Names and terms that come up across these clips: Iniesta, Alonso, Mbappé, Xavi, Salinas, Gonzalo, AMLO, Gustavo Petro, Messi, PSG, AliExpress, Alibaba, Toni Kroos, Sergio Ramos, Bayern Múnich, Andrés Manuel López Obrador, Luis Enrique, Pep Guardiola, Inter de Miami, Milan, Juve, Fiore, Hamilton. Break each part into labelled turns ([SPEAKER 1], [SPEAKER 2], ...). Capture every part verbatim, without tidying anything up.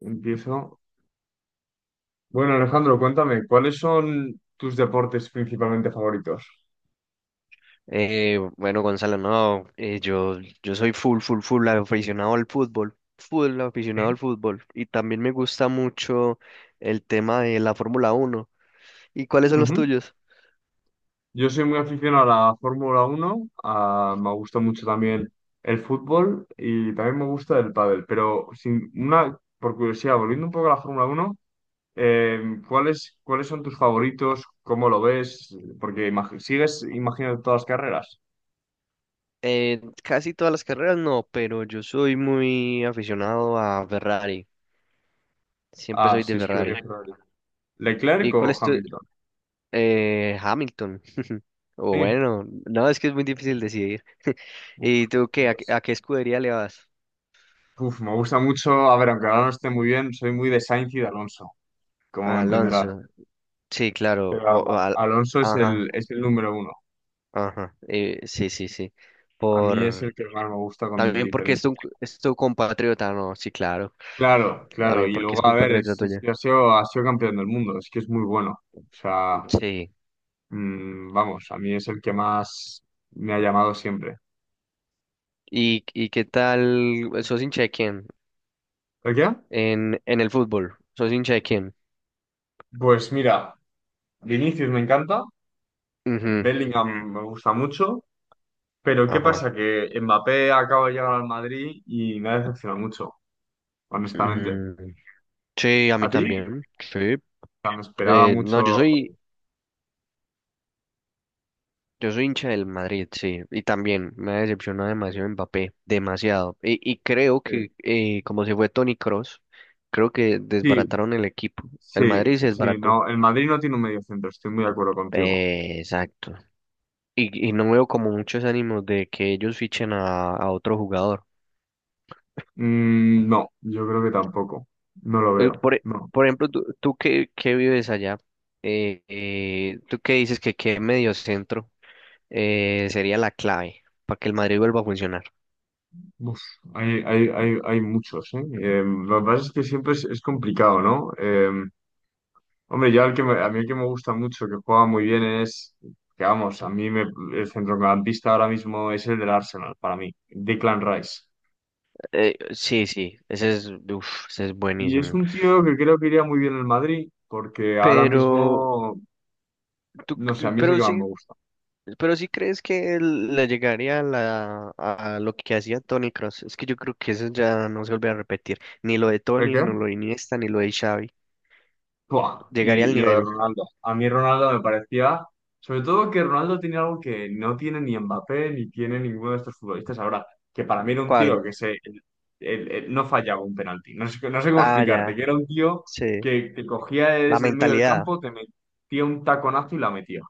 [SPEAKER 1] Empiezo. Bueno, Alejandro, cuéntame, ¿cuáles son tus deportes principalmente favoritos?
[SPEAKER 2] Eh, bueno, Gonzalo, no, eh, yo, yo soy full, full, full aficionado al fútbol, full aficionado
[SPEAKER 1] Sí.
[SPEAKER 2] al fútbol, y también me gusta mucho el tema de la Fórmula Uno. ¿Y cuáles son los
[SPEAKER 1] Ujú.
[SPEAKER 2] tuyos?
[SPEAKER 1] Yo soy muy aficionado a la Fórmula Uno, a- me gusta mucho también el fútbol y también me gusta el pádel, pero sin una, por curiosidad, volviendo un poco a la Fórmula Uno, eh, ¿cuáles, cuáles son tus favoritos? ¿Cómo lo ves? Porque imag- sigues imaginando todas las carreras.
[SPEAKER 2] Eh, casi todas las carreras no, pero yo soy muy aficionado a Ferrari, siempre
[SPEAKER 1] Ah,
[SPEAKER 2] soy de
[SPEAKER 1] sí, escudería
[SPEAKER 2] Ferrari.
[SPEAKER 1] Ferrari.
[SPEAKER 2] ¿Y
[SPEAKER 1] ¿Leclerc
[SPEAKER 2] cuál
[SPEAKER 1] o
[SPEAKER 2] es tu?
[SPEAKER 1] Hamilton?
[SPEAKER 2] Eh, Hamilton, o
[SPEAKER 1] Sí.
[SPEAKER 2] bueno, no, es que es muy difícil decidir.
[SPEAKER 1] Uf.
[SPEAKER 2] ¿Y tú qué? ¿A, qué
[SPEAKER 1] Pues
[SPEAKER 2] a qué escudería le vas?
[SPEAKER 1] uf, me gusta mucho, a ver, aunque ahora no esté muy bien, soy muy de Sainz y de Alonso, como
[SPEAKER 2] A
[SPEAKER 1] entenderás.
[SPEAKER 2] Alonso, sí, claro, o-
[SPEAKER 1] Pero
[SPEAKER 2] o al-
[SPEAKER 1] Alonso es el,
[SPEAKER 2] ajá.
[SPEAKER 1] es el número uno.
[SPEAKER 2] Ajá, eh, sí, sí, sí.
[SPEAKER 1] A mí es
[SPEAKER 2] Por,
[SPEAKER 1] el que más me gusta con
[SPEAKER 2] También porque es
[SPEAKER 1] diferencia.
[SPEAKER 2] tu, es tu compatriota, no, sí, claro.
[SPEAKER 1] Claro, claro.
[SPEAKER 2] También
[SPEAKER 1] Y
[SPEAKER 2] porque es
[SPEAKER 1] luego, a ver,
[SPEAKER 2] compatriota
[SPEAKER 1] es, es que
[SPEAKER 2] tuya.
[SPEAKER 1] ha sido, ha sido campeón del mundo, es que es muy bueno. O sea,
[SPEAKER 2] Sí.
[SPEAKER 1] mm, vamos, a mí es el que más me ha llamado siempre.
[SPEAKER 2] ¿Y, y qué tal? ¿Sos hincha de quién?
[SPEAKER 1] ¿El qué?
[SPEAKER 2] En, en el fútbol. ¿Sos hincha de quién?
[SPEAKER 1] Pues mira, Vinicius me encanta,
[SPEAKER 2] Ujú.
[SPEAKER 1] Bellingham me gusta mucho, pero ¿qué
[SPEAKER 2] Ajá.
[SPEAKER 1] pasa? Que Mbappé acaba de llegar al Madrid y me ha decepcionado mucho. Honestamente.
[SPEAKER 2] Mm, sí, a
[SPEAKER 1] ¿A
[SPEAKER 2] mí
[SPEAKER 1] ti? O
[SPEAKER 2] también. Sí.
[SPEAKER 1] sea, me esperaba
[SPEAKER 2] Eh, no, yo
[SPEAKER 1] mucho.
[SPEAKER 2] soy Yo soy hincha del Madrid, sí, y también me ha decepcionado demasiado Mbappé, demasiado. Y, y creo
[SPEAKER 1] eh,
[SPEAKER 2] que eh, como se fue Toni Kroos, creo que
[SPEAKER 1] Sí,
[SPEAKER 2] desbarataron el equipo.
[SPEAKER 1] sí,
[SPEAKER 2] El Madrid se
[SPEAKER 1] sí,
[SPEAKER 2] desbarató.
[SPEAKER 1] no. El Madrid no tiene un medio centro, estoy muy de acuerdo contigo.
[SPEAKER 2] Eh, exacto. Y, y no veo como muchos ánimos de que ellos fichen a, a otro jugador.
[SPEAKER 1] Mm, no, yo creo que tampoco. No lo
[SPEAKER 2] Eh,
[SPEAKER 1] veo,
[SPEAKER 2] por, e-
[SPEAKER 1] no.
[SPEAKER 2] por ejemplo, tú, tú que, que vives allá, eh, eh, tú que dices que qué medio centro eh, sería la clave para que el Madrid vuelva a funcionar.
[SPEAKER 1] Uf, hay, hay, hay, hay muchos, ¿eh? Eh, lo que pasa es que siempre es, es complicado, ¿no? Eh, hombre, yo al que me- a mí el que me gusta mucho, que juega muy bien es, que vamos, a mí me, el centrocampista ahora mismo es el del Arsenal, para mí, Declan Rice.
[SPEAKER 2] Eh, sí, sí, ese es, uf, ese es
[SPEAKER 1] Y es
[SPEAKER 2] buenísimo.
[SPEAKER 1] un tío que creo que iría muy bien en Madrid, porque ahora
[SPEAKER 2] Pero
[SPEAKER 1] mismo,
[SPEAKER 2] tú,
[SPEAKER 1] no sé, a
[SPEAKER 2] c-
[SPEAKER 1] mí es el
[SPEAKER 2] pero
[SPEAKER 1] que más
[SPEAKER 2] sí,
[SPEAKER 1] me gusta.
[SPEAKER 2] Pero sí crees que él le llegaría a, la, a lo que hacía Tony Cross. Es que yo creo que eso ya no se vuelve a repetir. Ni lo de
[SPEAKER 1] ¿El
[SPEAKER 2] Tony,
[SPEAKER 1] qué?
[SPEAKER 2] ni lo de Iniesta, ni lo de Xavi.
[SPEAKER 1] Buah.
[SPEAKER 2] Llegaría
[SPEAKER 1] Y,
[SPEAKER 2] al
[SPEAKER 1] y lo de
[SPEAKER 2] nivel.
[SPEAKER 1] Ronaldo. A mí Ronaldo me parecía, sobre todo que Ronaldo tiene algo que no tiene ni Mbappé ni tiene ninguno de estos futbolistas ahora, que para mí era un tío
[SPEAKER 2] ¿Cuál?
[SPEAKER 1] que se, el- el- el- no fallaba un penalti. No sé, no sé cómo
[SPEAKER 2] Ah,
[SPEAKER 1] explicarte,
[SPEAKER 2] ya,
[SPEAKER 1] que era un tío
[SPEAKER 2] sí.
[SPEAKER 1] que te cogía
[SPEAKER 2] La
[SPEAKER 1] desde el medio del
[SPEAKER 2] mentalidad.
[SPEAKER 1] campo, te metía un taconazo y la metía.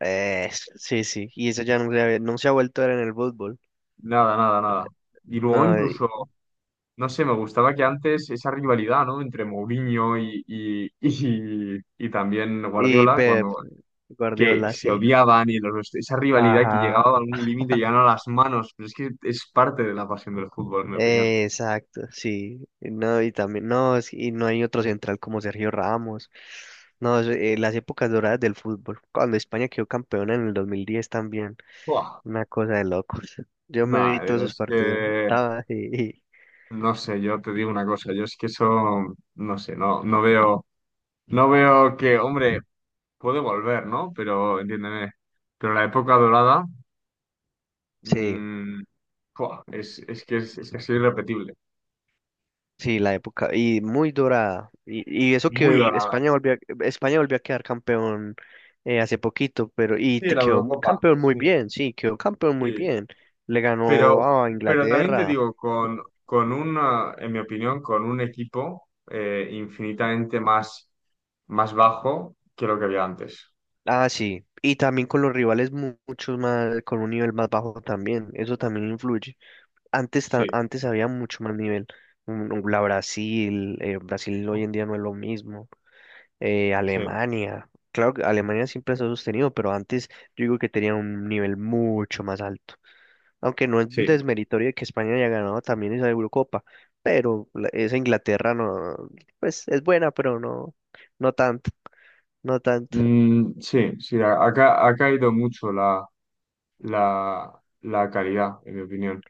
[SPEAKER 2] Eh, sí, sí. Y eso ya no se, ha- no se ha vuelto a ver en el fútbol.
[SPEAKER 1] Nada, nada, nada. Y luego
[SPEAKER 2] No, y,
[SPEAKER 1] incluso no sé, me gustaba que antes esa rivalidad, ¿no? Entre Mourinho y, y, y, y también
[SPEAKER 2] y
[SPEAKER 1] Guardiola,
[SPEAKER 2] Pep
[SPEAKER 1] cuando que
[SPEAKER 2] Guardiola,
[SPEAKER 1] se
[SPEAKER 2] sí.
[SPEAKER 1] odiaban y los, esa rivalidad que
[SPEAKER 2] Ajá.
[SPEAKER 1] llegaba a algún límite y llegaban a las manos, pero es que es parte de la pasión del fútbol, en mi opinión.
[SPEAKER 2] Eh, exacto, sí. No, y también, no, es- y no hay otro central como Sergio Ramos. No, es, eh, las épocas doradas del fútbol. Cuando España quedó campeona en el dos mil diez también.
[SPEAKER 1] Buah,
[SPEAKER 2] Una cosa de locos. Yo me vi
[SPEAKER 1] nada,
[SPEAKER 2] todos
[SPEAKER 1] pero
[SPEAKER 2] sus
[SPEAKER 1] es
[SPEAKER 2] partidos.
[SPEAKER 1] que,
[SPEAKER 2] Estaba. Y-
[SPEAKER 1] no sé, yo te digo una cosa, yo es que eso, no sé, no, no veo, no veo que, hombre, puede volver, ¿no? Pero, entiéndeme, pero la época dorada,
[SPEAKER 2] sí,
[SPEAKER 1] mm, buah, es, es que es, es casi irrepetible.
[SPEAKER 2] sí, la época. Y muy dorada. Y, y eso
[SPEAKER 1] Muy
[SPEAKER 2] que
[SPEAKER 1] dorada.
[SPEAKER 2] España volvió, a- España volvió a quedar campeón eh, hace poquito, pero, y
[SPEAKER 1] Sí,
[SPEAKER 2] te
[SPEAKER 1] la
[SPEAKER 2] quedó
[SPEAKER 1] Eurocopa,
[SPEAKER 2] campeón muy
[SPEAKER 1] sí.
[SPEAKER 2] bien, sí, quedó campeón muy
[SPEAKER 1] Sí,
[SPEAKER 2] bien. Le
[SPEAKER 1] pero,
[SPEAKER 2] ganó a
[SPEAKER 1] pero también te
[SPEAKER 2] Inglaterra.
[SPEAKER 1] digo, con, con una, en mi opinión, con un equipo eh, infinitamente más, más bajo que lo que había antes.
[SPEAKER 2] Ah, sí. Y también con los rivales mu- mucho más, con un nivel más bajo también. Eso también influye. Antes, ta-
[SPEAKER 1] Sí,
[SPEAKER 2] antes había mucho más nivel. Un- un- La Brasil, eh, Brasil hoy en día no es lo mismo. Eh,
[SPEAKER 1] sí,
[SPEAKER 2] Alemania. Claro que Alemania siempre se ha sostenido, pero antes yo digo que tenía un nivel mucho más alto. Aunque no es
[SPEAKER 1] sí.
[SPEAKER 2] desmeritorio de que España haya ganado también esa Eurocopa, pero la- esa Inglaterra no, pues es buena, pero no, no tanto, no tanto.
[SPEAKER 1] Mm, sí, sí, ha, ha ca- ha caído mucho la, la, la calidad, en mi opinión.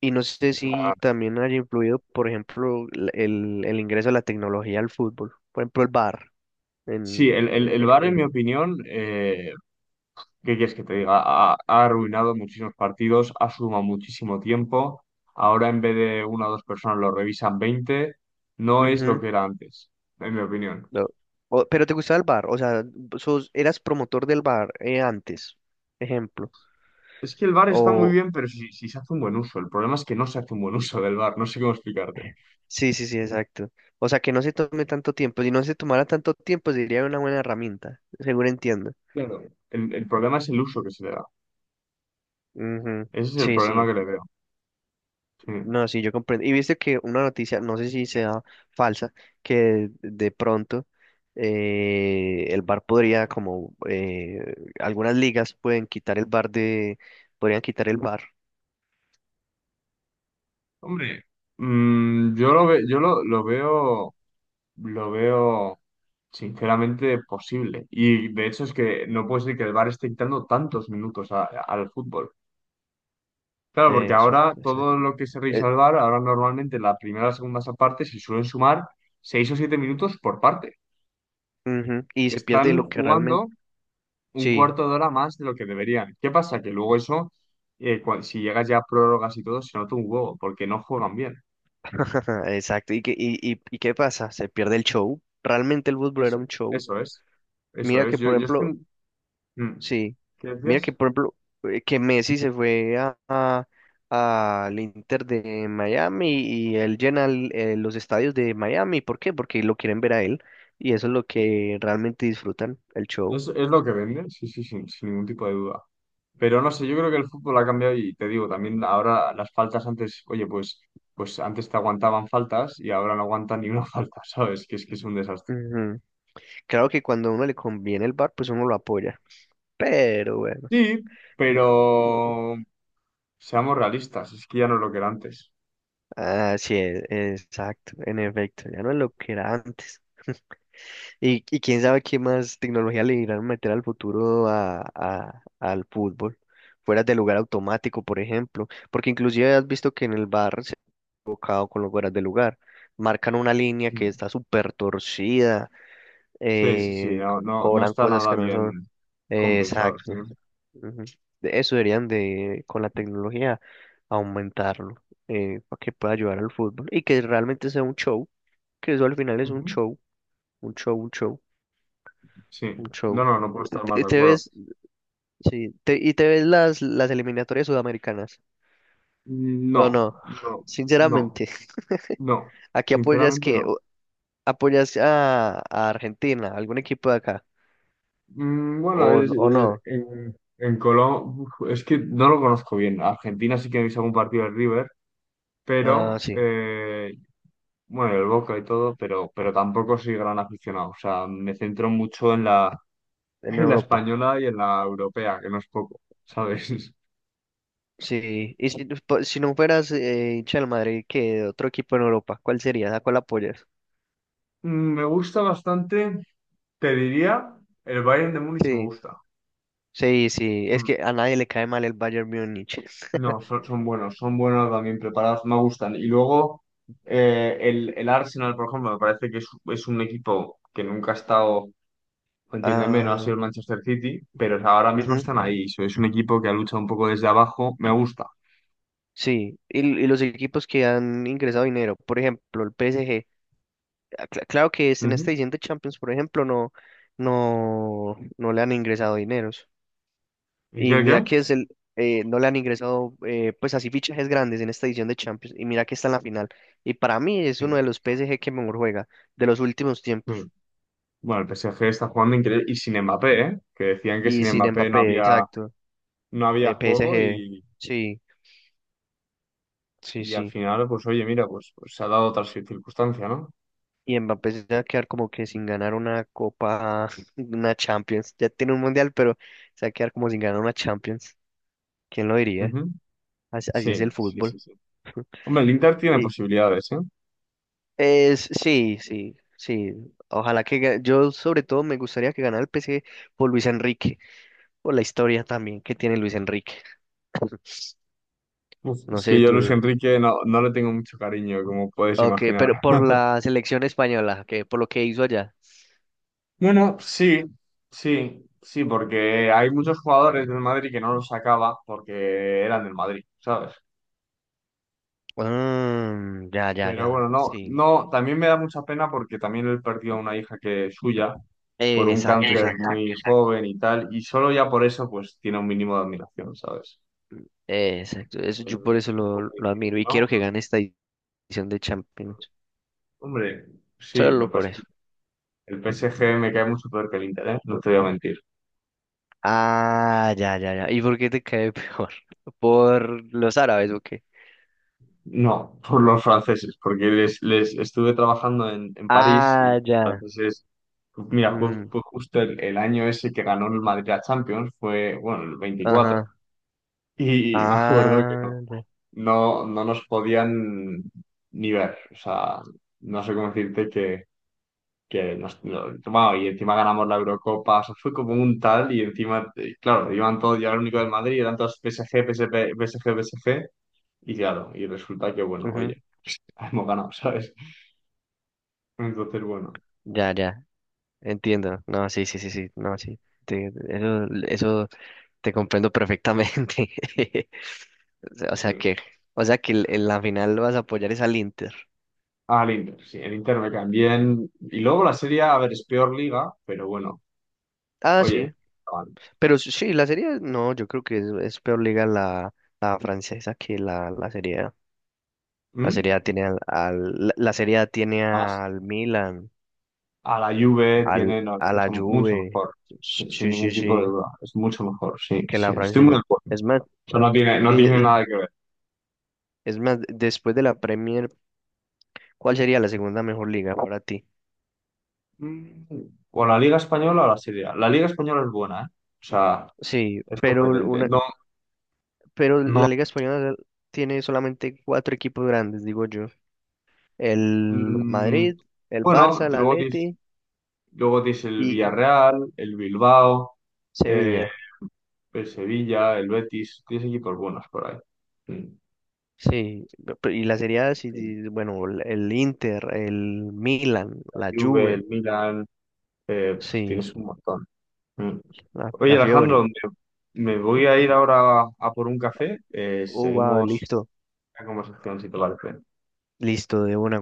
[SPEAKER 2] Y no sé
[SPEAKER 1] O sea,
[SPEAKER 2] si también haya influido, por ejemplo, la- el, el ingreso de la tecnología al fútbol. Por ejemplo, el V A R. En,
[SPEAKER 1] sí, el, el,
[SPEAKER 2] eh,
[SPEAKER 1] el VAR, en mi
[SPEAKER 2] eh,
[SPEAKER 1] opinión, eh, ¿qué quieres que te diga? Ha, ha arruinado muchísimos partidos, ha sumado muchísimo tiempo. Ahora en vez de una o dos personas lo revisan veinte. No es lo
[SPEAKER 2] Ujú,
[SPEAKER 1] que era antes, en mi opinión.
[SPEAKER 2] lo- o- pero te gustaba el V A R, o sea, sos, eras promotor del V A R eh, antes, ejemplo.
[SPEAKER 1] Es que el VAR está muy
[SPEAKER 2] O,
[SPEAKER 1] bien, pero si, si se hace un buen uso. El problema es que no se hace un buen uso del VAR, no sé cómo explicarte.
[SPEAKER 2] sí, sí, sí, exacto. O sea, que no se tome tanto tiempo. Si no se tomara tanto tiempo, sería una buena herramienta, seguro entiendo.
[SPEAKER 1] Claro. El, el problema es el uso que se le da.
[SPEAKER 2] Ujú.
[SPEAKER 1] Ese es el
[SPEAKER 2] Sí,
[SPEAKER 1] problema
[SPEAKER 2] sí.
[SPEAKER 1] que le veo. Sí.
[SPEAKER 2] No, sí, yo comprendo. Y viste que una noticia, no sé si sea falsa, que de pronto eh, el bar podría, como eh, algunas ligas pueden quitar el bar de, podrían quitar el bar.
[SPEAKER 1] Hombre, mm, yo lo, ve- yo lo, lo veo. Lo veo sinceramente posible. Y de hecho es que no puede ser que el VAR esté quitando tantos minutos a- al fútbol. Claro, porque
[SPEAKER 2] Eso,
[SPEAKER 1] ahora todo
[SPEAKER 2] exacto.
[SPEAKER 1] lo que se revisa
[SPEAKER 2] Eh,
[SPEAKER 1] al VAR, ahora normalmente la primera o la segunda parte se suelen sumar seis o siete minutos por parte.
[SPEAKER 2] Ujú, y se pierde
[SPEAKER 1] Están
[SPEAKER 2] lo que realmente,
[SPEAKER 1] jugando un
[SPEAKER 2] sí,
[SPEAKER 1] cuarto de hora más de lo que deberían. ¿Qué pasa? Que luego eso, eh, cua- si llegas ya a prórrogas y todo, se nota un huevo, porque no juegan bien.
[SPEAKER 2] exacto. ¿Y qué, y, y, y qué pasa? Se pierde el show. Realmente el fútbol era
[SPEAKER 1] Eso,
[SPEAKER 2] un show.
[SPEAKER 1] eso es. Eso
[SPEAKER 2] Mira
[SPEAKER 1] es.
[SPEAKER 2] que,
[SPEAKER 1] Yo,
[SPEAKER 2] por
[SPEAKER 1] yo
[SPEAKER 2] ejemplo,
[SPEAKER 1] estoy... Mm.
[SPEAKER 2] sí,
[SPEAKER 1] ¿Qué
[SPEAKER 2] mira que
[SPEAKER 1] decías?
[SPEAKER 2] por ejemplo eh, que Messi se fue a, a- al Inter de Miami y él llena el- eh, los estadios de Miami. ¿Por qué? Porque lo quieren ver a él y eso es lo que realmente disfrutan, el show.
[SPEAKER 1] Es, es lo que vende, sí, sí, sin, sin ningún tipo de duda. Pero no sé, yo creo que el fútbol ha cambiado y te digo, también ahora las faltas antes, oye, pues, pues antes te aguantaban faltas y ahora no aguantan ni una falta, ¿sabes? Que es que es un desastre.
[SPEAKER 2] Ujú. Claro que cuando a uno le conviene el bar, pues uno lo apoya. Pero bueno,
[SPEAKER 1] Sí,
[SPEAKER 2] no- no.
[SPEAKER 1] pero seamos realistas, es que ya no es lo que era antes.
[SPEAKER 2] Ah, sí, e- exacto, en efecto, ya no es lo que era antes. Y, y quién sabe qué más tecnología le irán a meter al futuro a, a- al fútbol. Fueras de lugar automático, por ejemplo. Porque inclusive has visto que en el bar se ha equivocado con los fueras de lugar. Marcan una línea que
[SPEAKER 1] Mm.
[SPEAKER 2] está súper torcida.
[SPEAKER 1] Sí, sí, sí,
[SPEAKER 2] Eh,
[SPEAKER 1] no,
[SPEAKER 2] co-
[SPEAKER 1] no, no
[SPEAKER 2] cobran
[SPEAKER 1] está
[SPEAKER 2] cosas
[SPEAKER 1] nada
[SPEAKER 2] que no son.
[SPEAKER 1] bien
[SPEAKER 2] Eh,
[SPEAKER 1] compensado, sí.
[SPEAKER 2] exacto. Ujú. De Eso deberían de, con la tecnología, aumentarlo. Eh, para que pueda ayudar al fútbol. Y que realmente sea un show. Que eso al final es un
[SPEAKER 1] Ujú.
[SPEAKER 2] show. Un show, un show.
[SPEAKER 1] Sí,
[SPEAKER 2] Un
[SPEAKER 1] no,
[SPEAKER 2] show.
[SPEAKER 1] no, no puedo
[SPEAKER 2] Eh,
[SPEAKER 1] estar más
[SPEAKER 2] Te,
[SPEAKER 1] de
[SPEAKER 2] te
[SPEAKER 1] acuerdo.
[SPEAKER 2] ves, sí, te- y te ves las, las eliminatorias sudamericanas. ¿O
[SPEAKER 1] No,
[SPEAKER 2] no?
[SPEAKER 1] no, no,
[SPEAKER 2] Sinceramente,
[SPEAKER 1] no,
[SPEAKER 2] ¿aquí apoyas
[SPEAKER 1] sinceramente
[SPEAKER 2] que
[SPEAKER 1] no.
[SPEAKER 2] ¿Apoyas a, a Argentina, algún equipo de acá?
[SPEAKER 1] Mm, bueno,
[SPEAKER 2] ¿O,
[SPEAKER 1] es,
[SPEAKER 2] n- o
[SPEAKER 1] eh,
[SPEAKER 2] no?
[SPEAKER 1] en, en Colombia es que no lo conozco bien. Argentina sí que he visto algún partido del River,
[SPEAKER 2] Ah,
[SPEAKER 1] pero
[SPEAKER 2] sí,
[SPEAKER 1] eh, bueno, el Boca y todo, pero, pero tampoco soy gran aficionado. O sea, me centro mucho en la,
[SPEAKER 2] en
[SPEAKER 1] en la
[SPEAKER 2] Europa.
[SPEAKER 1] española y en la europea, que no es poco, ¿sabes?
[SPEAKER 2] Sí, y si, pues, po- si no fueras eh, hincha del Madrid, qué de otro equipo en Europa, ¿cuál sería? ¿A cuál apoyas?
[SPEAKER 1] Mm, me gusta bastante, te diría, el Bayern de Múnich me
[SPEAKER 2] Sí,
[SPEAKER 1] gusta.
[SPEAKER 2] sí, sí, es
[SPEAKER 1] Mm,
[SPEAKER 2] que a nadie le cae mal el Bayern Múnich.
[SPEAKER 1] no, son, son buenos, son buenos también preparados, me gustan. Y luego eh, el, el Arsenal, por ejemplo, me parece que es, es un equipo que nunca ha estado, entiéndeme, no ha
[SPEAKER 2] Ah,
[SPEAKER 1] sido el Manchester City, pero ahora mismo
[SPEAKER 2] ujú.
[SPEAKER 1] están ahí. So, es un equipo que ha luchado un poco desde abajo, me gusta.
[SPEAKER 2] Sí, y, y los equipos que han ingresado dinero, por ejemplo, el P S G, ah, cl- claro que es en
[SPEAKER 1] Ujú.
[SPEAKER 2] este siguiente Champions, por ejemplo, no, no, no le han ingresado dineros.
[SPEAKER 1] ¿Y
[SPEAKER 2] Y
[SPEAKER 1] qué,
[SPEAKER 2] mira
[SPEAKER 1] qué?
[SPEAKER 2] que es el, eh, no le han ingresado, eh, pues así fichajes grandes en esta edición de Champions. Y mira que está en la final. Y para mí es uno
[SPEAKER 1] Sí.
[SPEAKER 2] de los P S G que mejor juega de los últimos
[SPEAKER 1] Mm.
[SPEAKER 2] tiempos.
[SPEAKER 1] Bueno, el P S G está jugando increíble y sin Mbappé, ¿eh? Que decían que
[SPEAKER 2] Y
[SPEAKER 1] sin
[SPEAKER 2] sin
[SPEAKER 1] Mbappé no
[SPEAKER 2] Mbappé,
[SPEAKER 1] había,
[SPEAKER 2] exacto.
[SPEAKER 1] no había
[SPEAKER 2] eh,
[SPEAKER 1] juego
[SPEAKER 2] P S G,
[SPEAKER 1] y,
[SPEAKER 2] sí, sí,
[SPEAKER 1] y al
[SPEAKER 2] sí.
[SPEAKER 1] final, pues oye, mira, pues, pues se ha dado otra circunstancia, ¿no?
[SPEAKER 2] Y Mbappé se va a quedar como que sin ganar una copa, una Champions. Ya tiene un mundial, pero se va a quedar como sin ganar una Champions. ¿Quién lo diría?
[SPEAKER 1] Ujú.
[SPEAKER 2] Así, así es el
[SPEAKER 1] Sí, sí, sí,
[SPEAKER 2] fútbol.
[SPEAKER 1] sí. Hombre, el Inter tiene
[SPEAKER 2] Y
[SPEAKER 1] posibilidades, ¿eh?
[SPEAKER 2] es, sí, sí, sí. Ojalá que ga- yo sobre todo me gustaría que ganara el P S G por Luis Enrique, por la historia también que tiene Luis Enrique.
[SPEAKER 1] Uf,
[SPEAKER 2] No
[SPEAKER 1] es
[SPEAKER 2] sé
[SPEAKER 1] que yo a
[SPEAKER 2] tú.
[SPEAKER 1] Luis Enrique no, no le tengo mucho cariño, como puedes
[SPEAKER 2] Ok,
[SPEAKER 1] imaginar.
[SPEAKER 2] pero por la selección española, que por lo que hizo allá.
[SPEAKER 1] Bueno, sí, sí, sí, porque hay muchos jugadores del Madrid que no los sacaba porque eran del Madrid, ¿sabes?
[SPEAKER 2] Ah, ya, ya,
[SPEAKER 1] Pero
[SPEAKER 2] ya.
[SPEAKER 1] bueno, no,
[SPEAKER 2] Sí.
[SPEAKER 1] no, también me da mucha pena porque también él perdió a una hija que es suya por
[SPEAKER 2] Eh,
[SPEAKER 1] un
[SPEAKER 2] Exacto,
[SPEAKER 1] cáncer
[SPEAKER 2] exacto.
[SPEAKER 1] muy joven y tal, y solo ya por eso pues tiene un mínimo de admiración, ¿sabes?
[SPEAKER 2] Eh, Exacto, eso,
[SPEAKER 1] Es
[SPEAKER 2] yo por
[SPEAKER 1] un
[SPEAKER 2] eso lo,
[SPEAKER 1] poco
[SPEAKER 2] lo admiro
[SPEAKER 1] difícil,
[SPEAKER 2] y
[SPEAKER 1] ¿no?
[SPEAKER 2] quiero que gane esta edición de Champions.
[SPEAKER 1] Hombre, sí, lo
[SPEAKER 2] Solo
[SPEAKER 1] que
[SPEAKER 2] por
[SPEAKER 1] pasa.
[SPEAKER 2] eso.
[SPEAKER 1] El P S G me cae mucho peor que el Inter, ¿eh? No te voy a mentir.
[SPEAKER 2] Ah, ya, ya, ya. ¿Y por qué te cae peor? ¿Por los árabes o qué?
[SPEAKER 1] No, por los franceses, porque les, les estuve trabajando en, en París y
[SPEAKER 2] Ah, ya.
[SPEAKER 1] entonces, mira, fue,
[SPEAKER 2] Ujú.
[SPEAKER 1] fue justo el, el año ese que ganó el Madrid a Champions, fue, bueno, el veinticuatro.
[SPEAKER 2] Ajá.
[SPEAKER 1] Y me acuerdo que no,
[SPEAKER 2] Ah, ya.
[SPEAKER 1] no, no nos podían ni ver. O sea, no sé cómo decirte que, que nos, no- bueno, y encima ganamos la Eurocopa. O sea, fue como un tal y encima, eh, claro, iban todos, ya era el único del Madrid, eran todos PSG, PSG, PSG, PSG. Y claro, y resulta que, bueno,
[SPEAKER 2] Ujú.
[SPEAKER 1] oye, hemos ganado, ¿sabes? Entonces, bueno,
[SPEAKER 2] Ya, ya. Entiendo. No, sí, sí, sí, sí. No, sí. Te- eso, eso te comprendo perfectamente. O sea o sea
[SPEAKER 1] sí.
[SPEAKER 2] que, o sea que en la final vas a apoyar es al Inter.
[SPEAKER 1] Al Inter, sí, el Inter me caen bien. Y luego la serie, a a ver, es peor liga, pero bueno,
[SPEAKER 2] Ah,
[SPEAKER 1] oye,
[SPEAKER 2] sí.
[SPEAKER 1] estaban-
[SPEAKER 2] Pero sí, la serie, no, yo creo que es, es peor liga la, la francesa que la, la serie A. La
[SPEAKER 1] ¿Mm?
[SPEAKER 2] serie A tiene al, al- la la serie A tiene
[SPEAKER 1] Más
[SPEAKER 2] al Milan,
[SPEAKER 1] a la Juve
[SPEAKER 2] al,
[SPEAKER 1] tiene, no, es
[SPEAKER 2] a la
[SPEAKER 1] mucho, mucho
[SPEAKER 2] Juve.
[SPEAKER 1] mejor, sin, sin
[SPEAKER 2] Sí, sí,
[SPEAKER 1] ningún tipo de
[SPEAKER 2] sí,
[SPEAKER 1] duda, es mucho mejor, sí,
[SPEAKER 2] que
[SPEAKER 1] sí,
[SPEAKER 2] la
[SPEAKER 1] estoy muy
[SPEAKER 2] francesa.
[SPEAKER 1] de acuerdo.
[SPEAKER 2] Es más,
[SPEAKER 1] Eso no tiene, no tiene
[SPEAKER 2] y, y
[SPEAKER 1] nada que ver.
[SPEAKER 2] es más, después de la Premier, ¿cuál sería la segunda mejor liga para ti?
[SPEAKER 1] Mm, ¿o la Liga Española o la Serie A? La Liga Española es buena, ¿eh? O sea,
[SPEAKER 2] Sí,
[SPEAKER 1] es
[SPEAKER 2] pero
[SPEAKER 1] competente.
[SPEAKER 2] una,
[SPEAKER 1] No,
[SPEAKER 2] pero la
[SPEAKER 1] no.
[SPEAKER 2] Liga Española tiene solamente cuatro equipos grandes, digo yo. El
[SPEAKER 1] Mm,
[SPEAKER 2] Madrid, el Barça,
[SPEAKER 1] bueno,
[SPEAKER 2] el
[SPEAKER 1] luego
[SPEAKER 2] Atleti
[SPEAKER 1] luego tienes el
[SPEAKER 2] y
[SPEAKER 1] Villarreal, el Bilbao, eh,
[SPEAKER 2] Sevilla.
[SPEAKER 1] el Sevilla, el Betis, tienes equipos buenos por ahí. Mm.
[SPEAKER 2] Sí, pe- y la Serie A, sí, sí, bueno, el el Inter, el Milan,
[SPEAKER 1] La
[SPEAKER 2] la
[SPEAKER 1] Juve,
[SPEAKER 2] Juve,
[SPEAKER 1] el Milan, eh, pues
[SPEAKER 2] sí,
[SPEAKER 1] tienes un montón. Mm.
[SPEAKER 2] la,
[SPEAKER 1] Oye,
[SPEAKER 2] la
[SPEAKER 1] Alejandro,
[SPEAKER 2] Fiore.
[SPEAKER 1] me, me voy a ir ahora a, por un café. Eh,
[SPEAKER 2] Oh, wow,
[SPEAKER 1] seguimos
[SPEAKER 2] listo,
[SPEAKER 1] la conversación si te parece.
[SPEAKER 2] listo, de una.